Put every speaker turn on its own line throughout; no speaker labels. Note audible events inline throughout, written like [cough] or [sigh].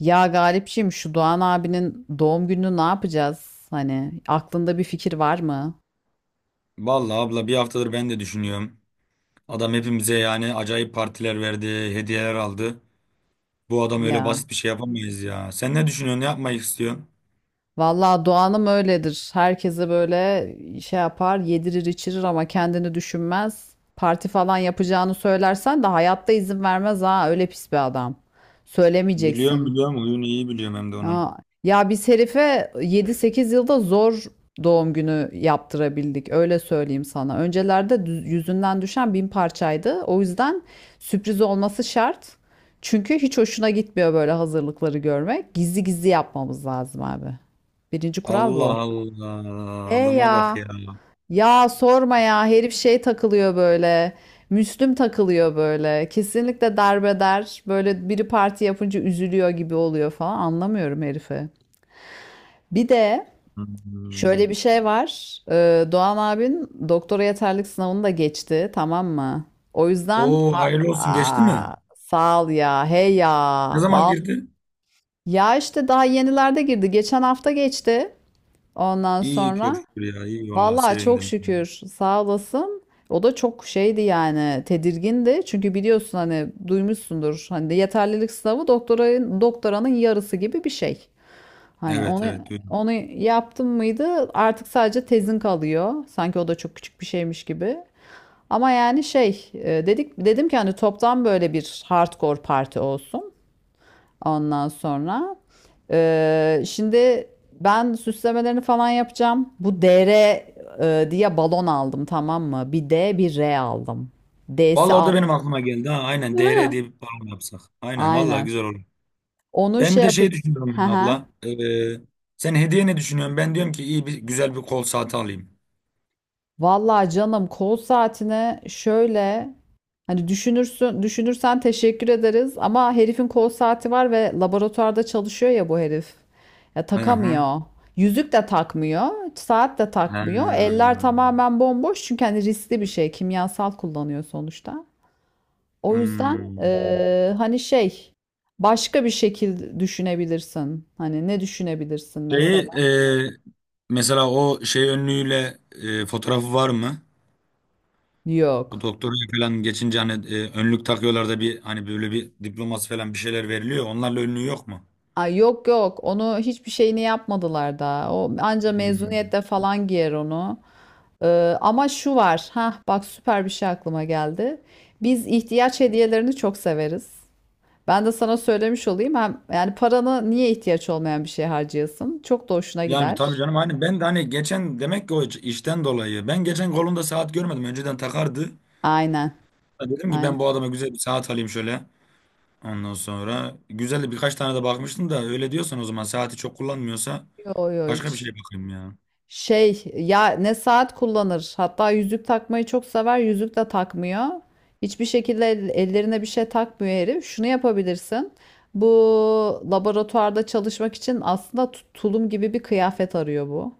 Ya Galipciğim şu Doğan abinin doğum gününü ne yapacağız? Hani aklında bir fikir var mı?
Vallahi abla bir haftadır ben de düşünüyorum. Adam hepimize yani acayip partiler verdi, hediyeler aldı. Bu adam öyle
Ya.
basit bir şey yapamayız ya. Sen ne düşünüyorsun, ne yapmayı istiyorsun?
Vallahi Doğan'ım öyledir. Herkese böyle şey yapar, yedirir içirir ama kendini düşünmez. Parti falan yapacağını söylersen de hayatta izin vermez ha. Öyle pis bir adam.
Biliyorum
Söylemeyeceksin.
biliyorum, huyunu iyi biliyorum hem de onun.
Ha, ya biz herife yedi sekiz yılda zor doğum günü yaptırabildik. Öyle söyleyeyim sana. Öncelerde yüzünden düşen bin parçaydı. O yüzden sürpriz olması şart. Çünkü hiç hoşuna gitmiyor böyle hazırlıkları görmek. Gizli gizli yapmamız lazım abi. Birinci kural
Allah
bu. He
Allah, adama bak
ya.
ya.
Ya sorma ya. Herif şey takılıyor böyle. Müslüm takılıyor böyle. Kesinlikle darbeder. Böyle biri parti yapınca üzülüyor gibi oluyor falan. Anlamıyorum herifi. Bir de
Hmm.
şöyle bir şey var. Doğan abin doktora yeterlik sınavını da geçti, tamam mı? O yüzden ha.
Oo, hayırlı olsun, geçti mi?
Aa, sağ ol ya, hey ya,
Ne zaman
val.
girdi?
Ya işte daha yenilerde girdi. Geçen hafta geçti. Ondan
İyi çok
sonra
şükür ya, iyi vallahi
vallahi çok
sevindim.
şükür sağ olasın. O da çok şeydi yani tedirgindi. Çünkü biliyorsun hani duymuşsundur. Hani de yeterlilik sınavı doktorayın doktoranın yarısı gibi bir şey. Hani
Evet
onu
evet duydum.
onu yaptın mıydı artık sadece tezin kalıyor. Sanki o da çok küçük bir şeymiş gibi. Ama yani şey dedim ki hani toptan böyle bir hardcore parti olsun. Ondan sonra şimdi ben süslemelerini falan yapacağım. Bu DR diye balon aldım tamam mı? Bir D bir R aldım. D'si
Vallahi o da
altı.
benim aklıma geldi ha. Aynen DR diye bir program yapsak. Aynen vallahi
Aynen.
güzel olur.
Onu
Ben bir
şey
de şey
yapacağım.
düşünüyorum ya abla.
[laughs]
Sen hediye ne düşünüyorsun? Ben diyorum ki iyi bir güzel bir kol saati alayım.
Vallahi canım kol saatine şöyle hani düşünürsün düşünürsen teşekkür ederiz ama herifin kol saati var ve laboratuvarda çalışıyor ya bu herif. Ya
Hı.
takamıyor. Yüzük de takmıyor, saat de
Ha.
takmıyor. Eller tamamen bomboş çünkü hani riskli bir şey, kimyasal kullanıyor sonuçta. O yüzden
Hmm.
hani şey başka bir şekil düşünebilirsin. Hani ne düşünebilirsin mesela?
Şeyi, mesela o şey önlüğüyle fotoğrafı var mı? O
Yok.
doktora falan geçince hani önlük takıyorlar da bir hani böyle bir diploması falan bir şeyler veriliyor. Onlarla önlüğü yok mu?
Ay yok yok onu hiçbir şeyini yapmadılar da o anca
Hmm.
mezuniyette falan giyer onu. Ama şu var ha bak süper bir şey aklıma geldi, biz ihtiyaç hediyelerini çok severiz, ben de sana söylemiş olayım hem yani paranı niye ihtiyaç olmayan bir şeye harcayasın çok da hoşuna
Yani tabii
gider.
canım hani ben de hani geçen demek ki o işten dolayı ben geçen kolunda saat görmedim. Önceden takardı.
Aynen.
Dedim ki ben
Aynen.
bu adama güzel bir saat alayım şöyle. Ondan sonra güzel de birkaç tane de bakmıştım da öyle diyorsan o zaman saati çok kullanmıyorsa
Yo yo
başka bir şeye
hiç.
bakayım ya.
Şey ya ne saat kullanır. Hatta yüzük takmayı çok sever. Yüzük de takmıyor. Hiçbir şekilde ellerine bir şey takmıyor herif. Şunu yapabilirsin. Bu laboratuvarda çalışmak için aslında tulum gibi bir kıyafet arıyor bu.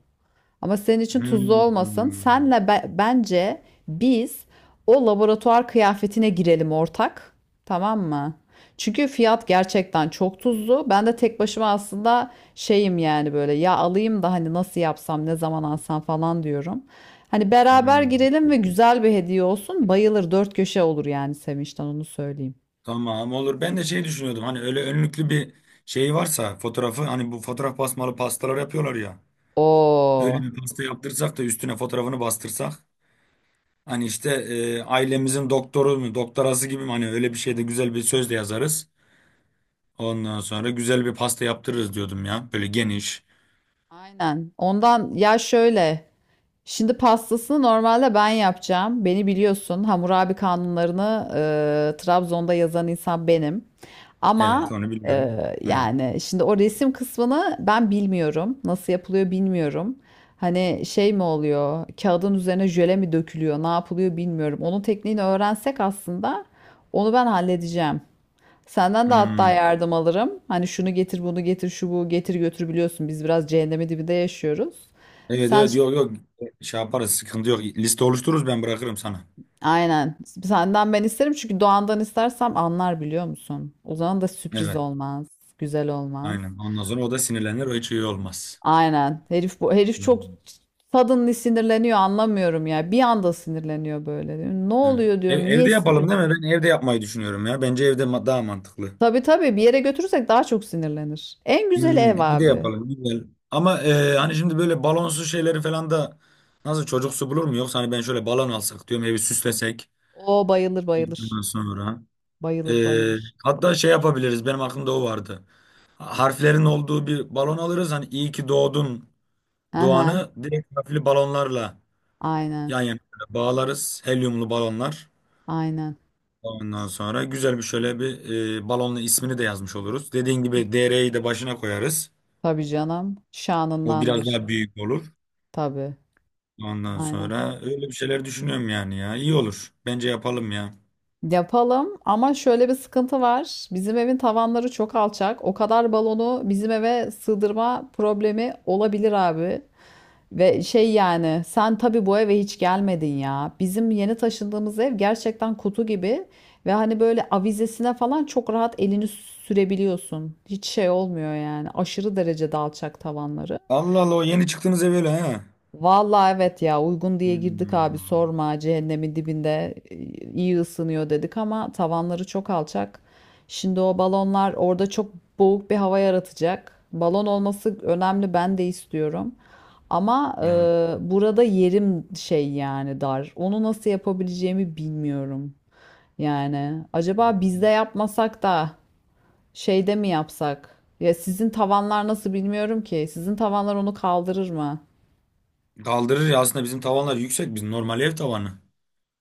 Ama senin için tuzlu
Hmm,
olmasın.
hmm,
Senle bence biz o laboratuvar kıyafetine girelim ortak. Tamam mı? Çünkü fiyat gerçekten çok tuzlu. Ben de tek başıma aslında şeyim yani böyle ya alayım da hani nasıl yapsam ne zaman alsam falan diyorum. Hani beraber
hmm.
girelim ve güzel bir hediye olsun. Bayılır dört köşe olur yani Sevinç'ten onu söyleyeyim.
Tamam olur. Ben de şey düşünüyordum hani öyle önlüklü bir şey varsa fotoğrafı hani bu fotoğraf basmalı pastalar yapıyorlar ya.
Oo.
Öyle bir pasta yaptırsak da üstüne fotoğrafını bastırsak. Hani işte ailemizin doktoru mu doktorası gibi mi hani öyle bir şeyde güzel bir söz de yazarız. Ondan sonra güzel bir pasta yaptırırız diyordum ya. Böyle geniş.
Aynen. Ondan ya şöyle. Şimdi pastasını normalde ben yapacağım. Beni biliyorsun. Hammurabi kanunlarını Trabzon'da yazan insan benim.
Evet
Ama
onu
e,
biliyorum. Evet.
yani şimdi o resim kısmını ben bilmiyorum. Nasıl yapılıyor bilmiyorum. Hani şey mi oluyor? Kağıdın üzerine jöle mi dökülüyor? Ne yapılıyor bilmiyorum. Onun tekniğini öğrensek aslında onu ben halledeceğim. Senden de hatta
Hmm.
yardım alırım. Hani şunu getir, bunu getir, şu bu getir götür biliyorsun. Biz biraz cehennemin dibinde yaşıyoruz.
Evet
Sen.
evet yok yok şey yaparız sıkıntı yok. Liste oluştururuz ben bırakırım sana.
Aynen. Senden ben isterim çünkü Doğan'dan istersem anlar biliyor musun? O zaman da sürpriz
Evet
olmaz. Güzel olmaz.
aynen ondan sonra o da sinirlenir o hiç iyi olmaz.
Aynen. Bu herif çok
Hmm.
suddenly sinirleniyor anlamıyorum ya. Bir anda sinirleniyor böyle. Ne
Evet.
oluyor diyorum. Niye
Evde
sinir?
yapalım değil mi? Ben evde yapmayı düşünüyorum ya. Bence evde daha mantıklı.
Tabii tabii bir yere götürürsek daha çok sinirlenir. En güzeli ev
Evde
abi.
yapalım güzel. Ama hani şimdi böyle balonsuz şeyleri falan da nasıl çocuksu bulur mu? Yoksa hani ben şöyle balon alsak diyorum evi süslesek.
O bayılır bayılır.
Ondan sonra. E,
Bayılır bayılır.
Hatta şey yapabiliriz benim aklımda o vardı. Harflerin olduğu bir balon alırız. Hani iyi ki doğdun
Aha.
doğanı direkt harfli balonlarla
Aynen.
yan yana böyle bağlarız. Helyumlu balonlar.
Aynen.
Ondan sonra güzel bir şöyle bir balonla ismini de yazmış oluruz. Dediğin gibi DR'yi de başına koyarız.
Tabii canım.
O biraz
Şanındandır.
daha büyük olur.
Tabii.
Ondan
Aynen.
sonra öyle bir şeyler düşünüyorum yani ya. İyi olur. Bence yapalım ya.
Yapalım ama şöyle bir sıkıntı var. Bizim evin tavanları çok alçak. O kadar balonu bizim eve sığdırma problemi olabilir abi. Ve şey yani sen tabii bu eve hiç gelmedin ya. Bizim yeni taşındığımız ev gerçekten kutu gibi ve hani böyle avizesine falan çok rahat elini sürebiliyorsun. Hiç şey olmuyor yani. Aşırı derecede alçak tavanları.
Allah Allah, o yeni çıktığınız ev öyle ha.
Vallahi evet ya uygun diye girdik abi
Hmm,
sorma cehennemin dibinde, iyi ısınıyor dedik ama tavanları çok alçak. Şimdi o balonlar orada çok boğuk bir hava yaratacak. Balon olması önemli ben de istiyorum. Ama
evet.
burada yerim şey yani dar. Onu nasıl yapabileceğimi bilmiyorum. Yani acaba bizde yapmasak da şeyde mi yapsak? Ya sizin tavanlar nasıl bilmiyorum ki. Sizin tavanlar onu kaldırır mı?
Kaldırır ya, aslında bizim tavanlar yüksek. Bizim normal ev tavanı.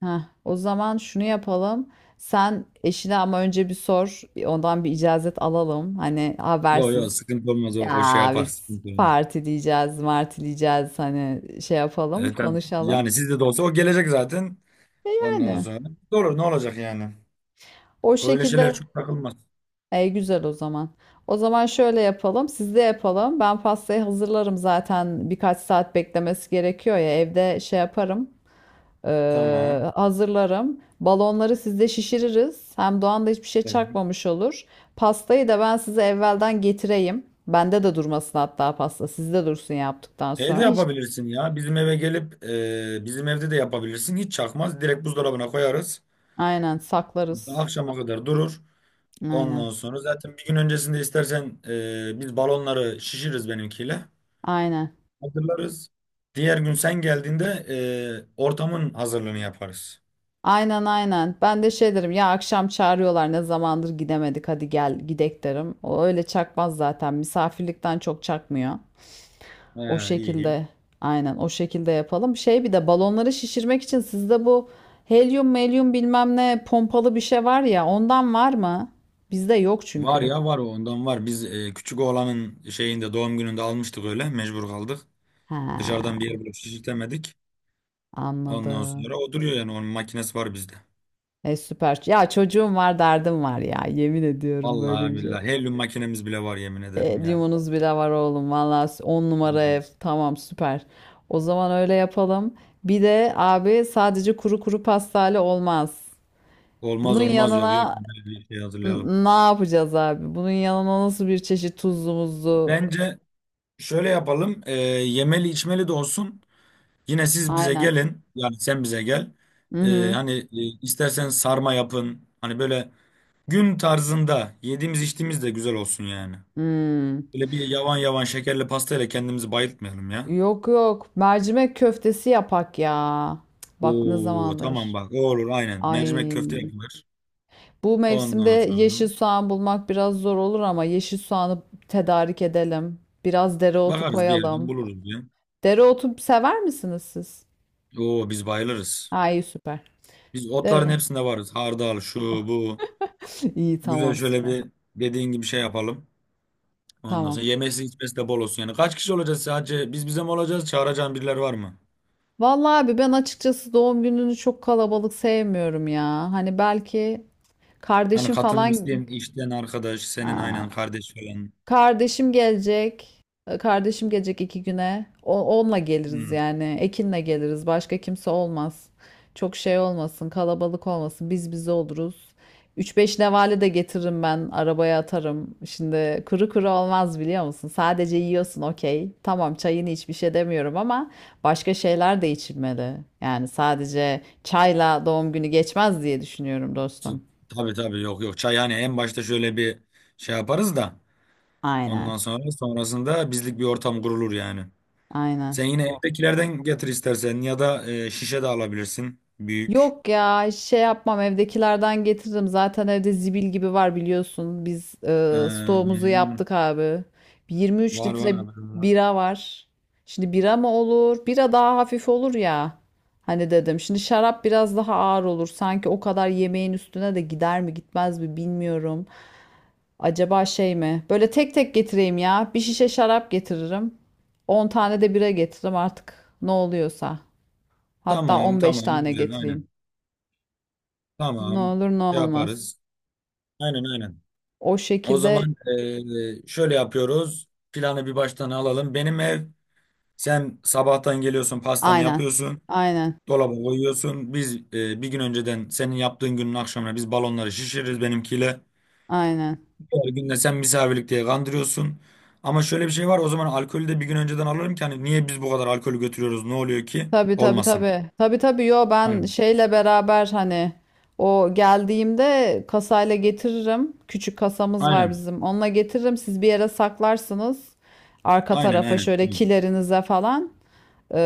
Heh, o zaman şunu yapalım. Sen eşine ama önce bir sor. Ondan bir icazet alalım. Hani
Yok
habersiz.
yok sıkıntı olmaz o, o şey
Ya
yapar
biz
sıkıntı olmaz.
parti diyeceğiz, marti diyeceğiz. Hani şey yapalım,
Evet, tabii.
konuşalım.
Yani sizde de olsa o gelecek zaten. Ondan
Yani
sonra olur ne olacak yani.
o
Öyle şeyler
şekilde.
çok takılmaz.
Güzel o zaman. O zaman şöyle yapalım. Siz de yapalım. Ben pastayı hazırlarım zaten. Birkaç saat beklemesi gerekiyor ya. Evde şey yaparım.
Tamam.
Hazırlarım. Balonları sizde şişiririz. Hem Doğan da hiçbir şey
Evet.
çakmamış olur. Pastayı da ben size evvelden getireyim. Bende de durmasın hatta pasta. Sizde dursun yaptıktan
Şey de
sonra. Hiç...
yapabilirsin ya bizim eve gelip bizim evde de yapabilirsin hiç çakmaz direkt buzdolabına koyarız.
Aynen saklarız.
Akşama kadar durur.
Aynen.
Ondan sonra zaten bir gün öncesinde istersen biz balonları şişiririz benimkiyle.
Aynen.
Hazırlarız. Diğer gün sen geldiğinde ortamın hazırlığını yaparız.
Aynen aynen. Ben de şey derim ya akşam çağırıyorlar ne zamandır gidemedik hadi gel gidek derim. O öyle çakmaz zaten misafirlikten çok çakmıyor.
He,
O
iyi.
şekilde aynen o şekilde yapalım. Şey bir de balonları şişirmek için sizde bu helyum melyum bilmem ne pompalı bir şey var ya ondan var mı? Bizde yok
Var
çünkü.
ya var, o ondan var. Biz küçük oğlanın şeyinde doğum gününde almıştık öyle mecbur kaldık. Dışarıdan
Ha,
bir yer bulup şişirtemedik. Ondan
anladım.
sonra o duruyor yani onun makinesi var bizde.
E süper. Ya çocuğum var derdim var ya yemin ediyorum böyle
Vallahi
bir şey.
billahi helyum makinemiz bile var yemin ederim ya.
Helyumunuz bile var oğlum valla 10
Hı.
numara ev
Hı.
tamam süper. O zaman öyle yapalım. Bir de abi sadece kuru kuru pastayla olmaz.
Olmaz
Bunun
olmaz yok yok
yanına
böyle bir şey hazırlayalım.
Ne yapacağız abi? Bunun yanına nasıl bir çeşit tuzlu muzlu?
Bence şöyle yapalım yemeli içmeli de olsun. Yine siz bize
Aynen.
gelin yani sen bize gel.
Hı hı.
Hani istersen sarma yapın. Hani böyle gün tarzında yediğimiz içtiğimiz de güzel olsun yani.
Hmm.
Böyle bir yavan yavan şekerli pastayla kendimizi bayıltmayalım ya.
Yok yok. Mercimek köftesi yapak ya. Cık, bak ne
Oo, tamam
zamandır.
bak o olur aynen. Mercimek
Ay.
köfte yapılır.
Bu mevsimde
Ondan sonra
yeşil soğan bulmak biraz zor olur ama yeşil soğanı tedarik edelim. Biraz dereotu
bakarız bir yerden
koyalım.
buluruz ya.
Dereotu sever misiniz siz?
Oo, biz bayılırız.
Ay süper.
Biz otların
Dere.
hepsinde varız. Hardal şu bu.
[laughs] İyi
Güzel
tamam
şöyle
süper.
bir dediğin gibi şey yapalım. Ondan sonra
Tamam.
yemesi içmesi de bol olsun. Yani kaç kişi olacağız sadece? Biz bize mi olacağız? Çağıracağın birileri var mı?
Vallahi abi ben açıkçası doğum gününü çok kalabalık sevmiyorum ya. Hani belki
Hani
kardeşim
katılmak
falan.
isteyen işten arkadaş, senin
Aa,
aynen kardeş falan.
kardeşim gelecek. Kardeşim gelecek iki güne. Onunla geliriz
Hmm.
yani. Ekin'le geliriz. Başka kimse olmaz. Çok şey olmasın, kalabalık olmasın. Biz bize oluruz. Üç beş nevale de getiririm ben. Arabaya atarım. Şimdi kuru kuru olmaz biliyor musun? Sadece yiyorsun okey. Tamam çayını iç bir şey demiyorum ama başka şeyler de içilmeli. Yani sadece çayla doğum günü geçmez diye düşünüyorum dostum.
Tabii tabii yok yok. Çay hani en başta şöyle bir şey yaparız da.
Aynen.
Ondan sonra sonrasında bizlik bir ortam kurulur yani. Sen
Aynen.
yine evdekilerden getir istersen ya da şişe de alabilirsin. Büyük.
Yok ya şey yapmam evdekilerden getiririm. Zaten evde zibil gibi var biliyorsun. Biz stoğumuzu
Ee,
yaptık abi. 23
Var var
litre
haberim var.
bira var. Şimdi bira mı olur? Bira daha hafif olur ya. Hani dedim. Şimdi şarap biraz daha ağır olur. Sanki o kadar yemeğin üstüne de gider mi gitmez mi bilmiyorum. Acaba şey mi? Böyle tek tek getireyim ya. Bir şişe şarap getiririm, 10 tane de bira getiririm artık. Ne oluyorsa. Hatta
Tamam
15
tamam
tane
güzel
getireyim.
aynen.
Ne
Tamam
olur ne
şey
olmaz.
yaparız. Aynen aynen.
O
O
şekilde
zaman şöyle yapıyoruz. Planı bir baştan alalım. Benim ev Sen sabahtan geliyorsun pastanı
aynen.
yapıyorsun.
Aynen.
Dolaba koyuyorsun. Biz bir gün önceden senin yaptığın günün akşamına biz balonları şişiririz benimkiyle.
Aynen.
Her gün de sen misafirlik diye kandırıyorsun. Ama şöyle bir şey var, o zaman alkolü de bir gün önceden alırım ki hani niye biz bu kadar alkolü götürüyoruz ne oluyor ki?
Tabii tabii
Olmasın.
tabii. Tabii tabii yo ben
Aynen.
şeyle beraber hani o geldiğimde kasayla getiririm. Küçük kasamız var
Aynen.
bizim. Onunla getiririm. Siz bir yere saklarsınız. Arka
Aynen
tarafa
aynen.
şöyle
Tamam.
kilerinize falan.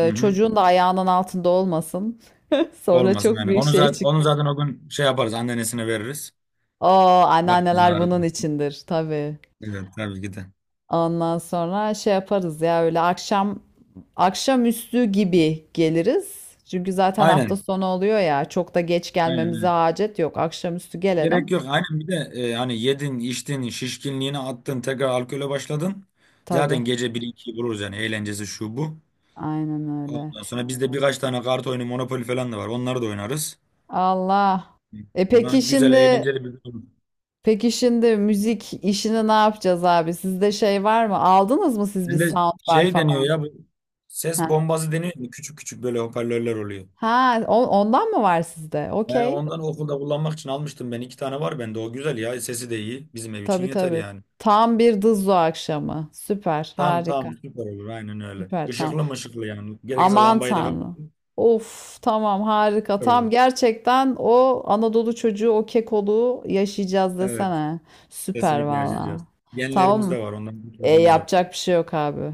Hı hı.
Çocuğun da ayağının altında olmasın. [laughs] Sonra
Olmasın
çok
yani.
büyük
Onu
şey
zaten, onu
çıkar.
zaten o gün şey yaparız anneannesine veririz.
Oo
Başımızı
anneanneler bunun
ağrıtma.
içindir tabii.
Evet tabii ki de.
Ondan sonra şey yaparız ya öyle akşam akşamüstü gibi geliriz. Çünkü zaten hafta
Aynen.
sonu oluyor ya. Çok da geç
Aynen.
gelmemize
Aynen.
hacet yok. Akşamüstü gelelim.
Gerek yok. Aynen bir de hani yedin, içtin, şişkinliğini attın, tekrar alkole başladın. Zaten
Tabii.
gece 1-2'yi buluruz yani eğlencesi şu bu.
Aynen öyle.
Ondan sonra bizde birkaç tane kart oyunu, Monopoly falan da var. Onları da oynarız.
Allah. E
Buna
peki
güzel,
şimdi
eğlenceli bir gün olur.
peki şimdi müzik işini ne yapacağız abi? Sizde şey var mı? Aldınız mı siz bir
Hem de
soundbar
şey deniyor
falan?
ya bu ses
Ha.
bombası deniyor. Mu Küçük küçük böyle hoparlörler oluyor.
Ha, ondan mı var sizde?
Yani
Okey.
ondan okulda kullanmak için almıştım ben. 2 tane var bende. O güzel ya. Sesi de iyi. Bizim ev için
Tabii
yeter
tabii.
yani.
Tam bir dızlo akşamı. Süper,
Tam
harika.
tam süper olur. Aynen öyle.
Süper, tamam.
Işıklı mı ışıklı yani. Gerekirse
Aman
lambayı da
tanrım.
kapatın.
Of tamam harika.
Süper olur.
Tam gerçekten o Anadolu çocuğu o kekoluğu yaşayacağız
Evet.
desene. Süper
Kesinlikle yaşayacağız.
valla.
Genlerimiz
Tamam.
de var. Ondan kurtuluşumuz yok.
Yapacak bir şey yok abi.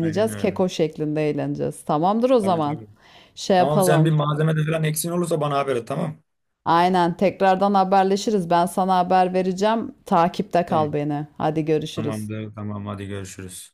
Aynen öyle.
Keko şeklinde eğleneceğiz. Tamamdır o
Tabii
zaman.
tabii.
Şey
Tamam sen bir
yapalım.
malzemede falan eksin olursa bana haber et tamam.
Aynen tekrardan haberleşiriz. Ben sana haber vereceğim. Takipte kal
Tamam.
beni. Hadi görüşürüz.
Tamamdır. Tamam hadi görüşürüz.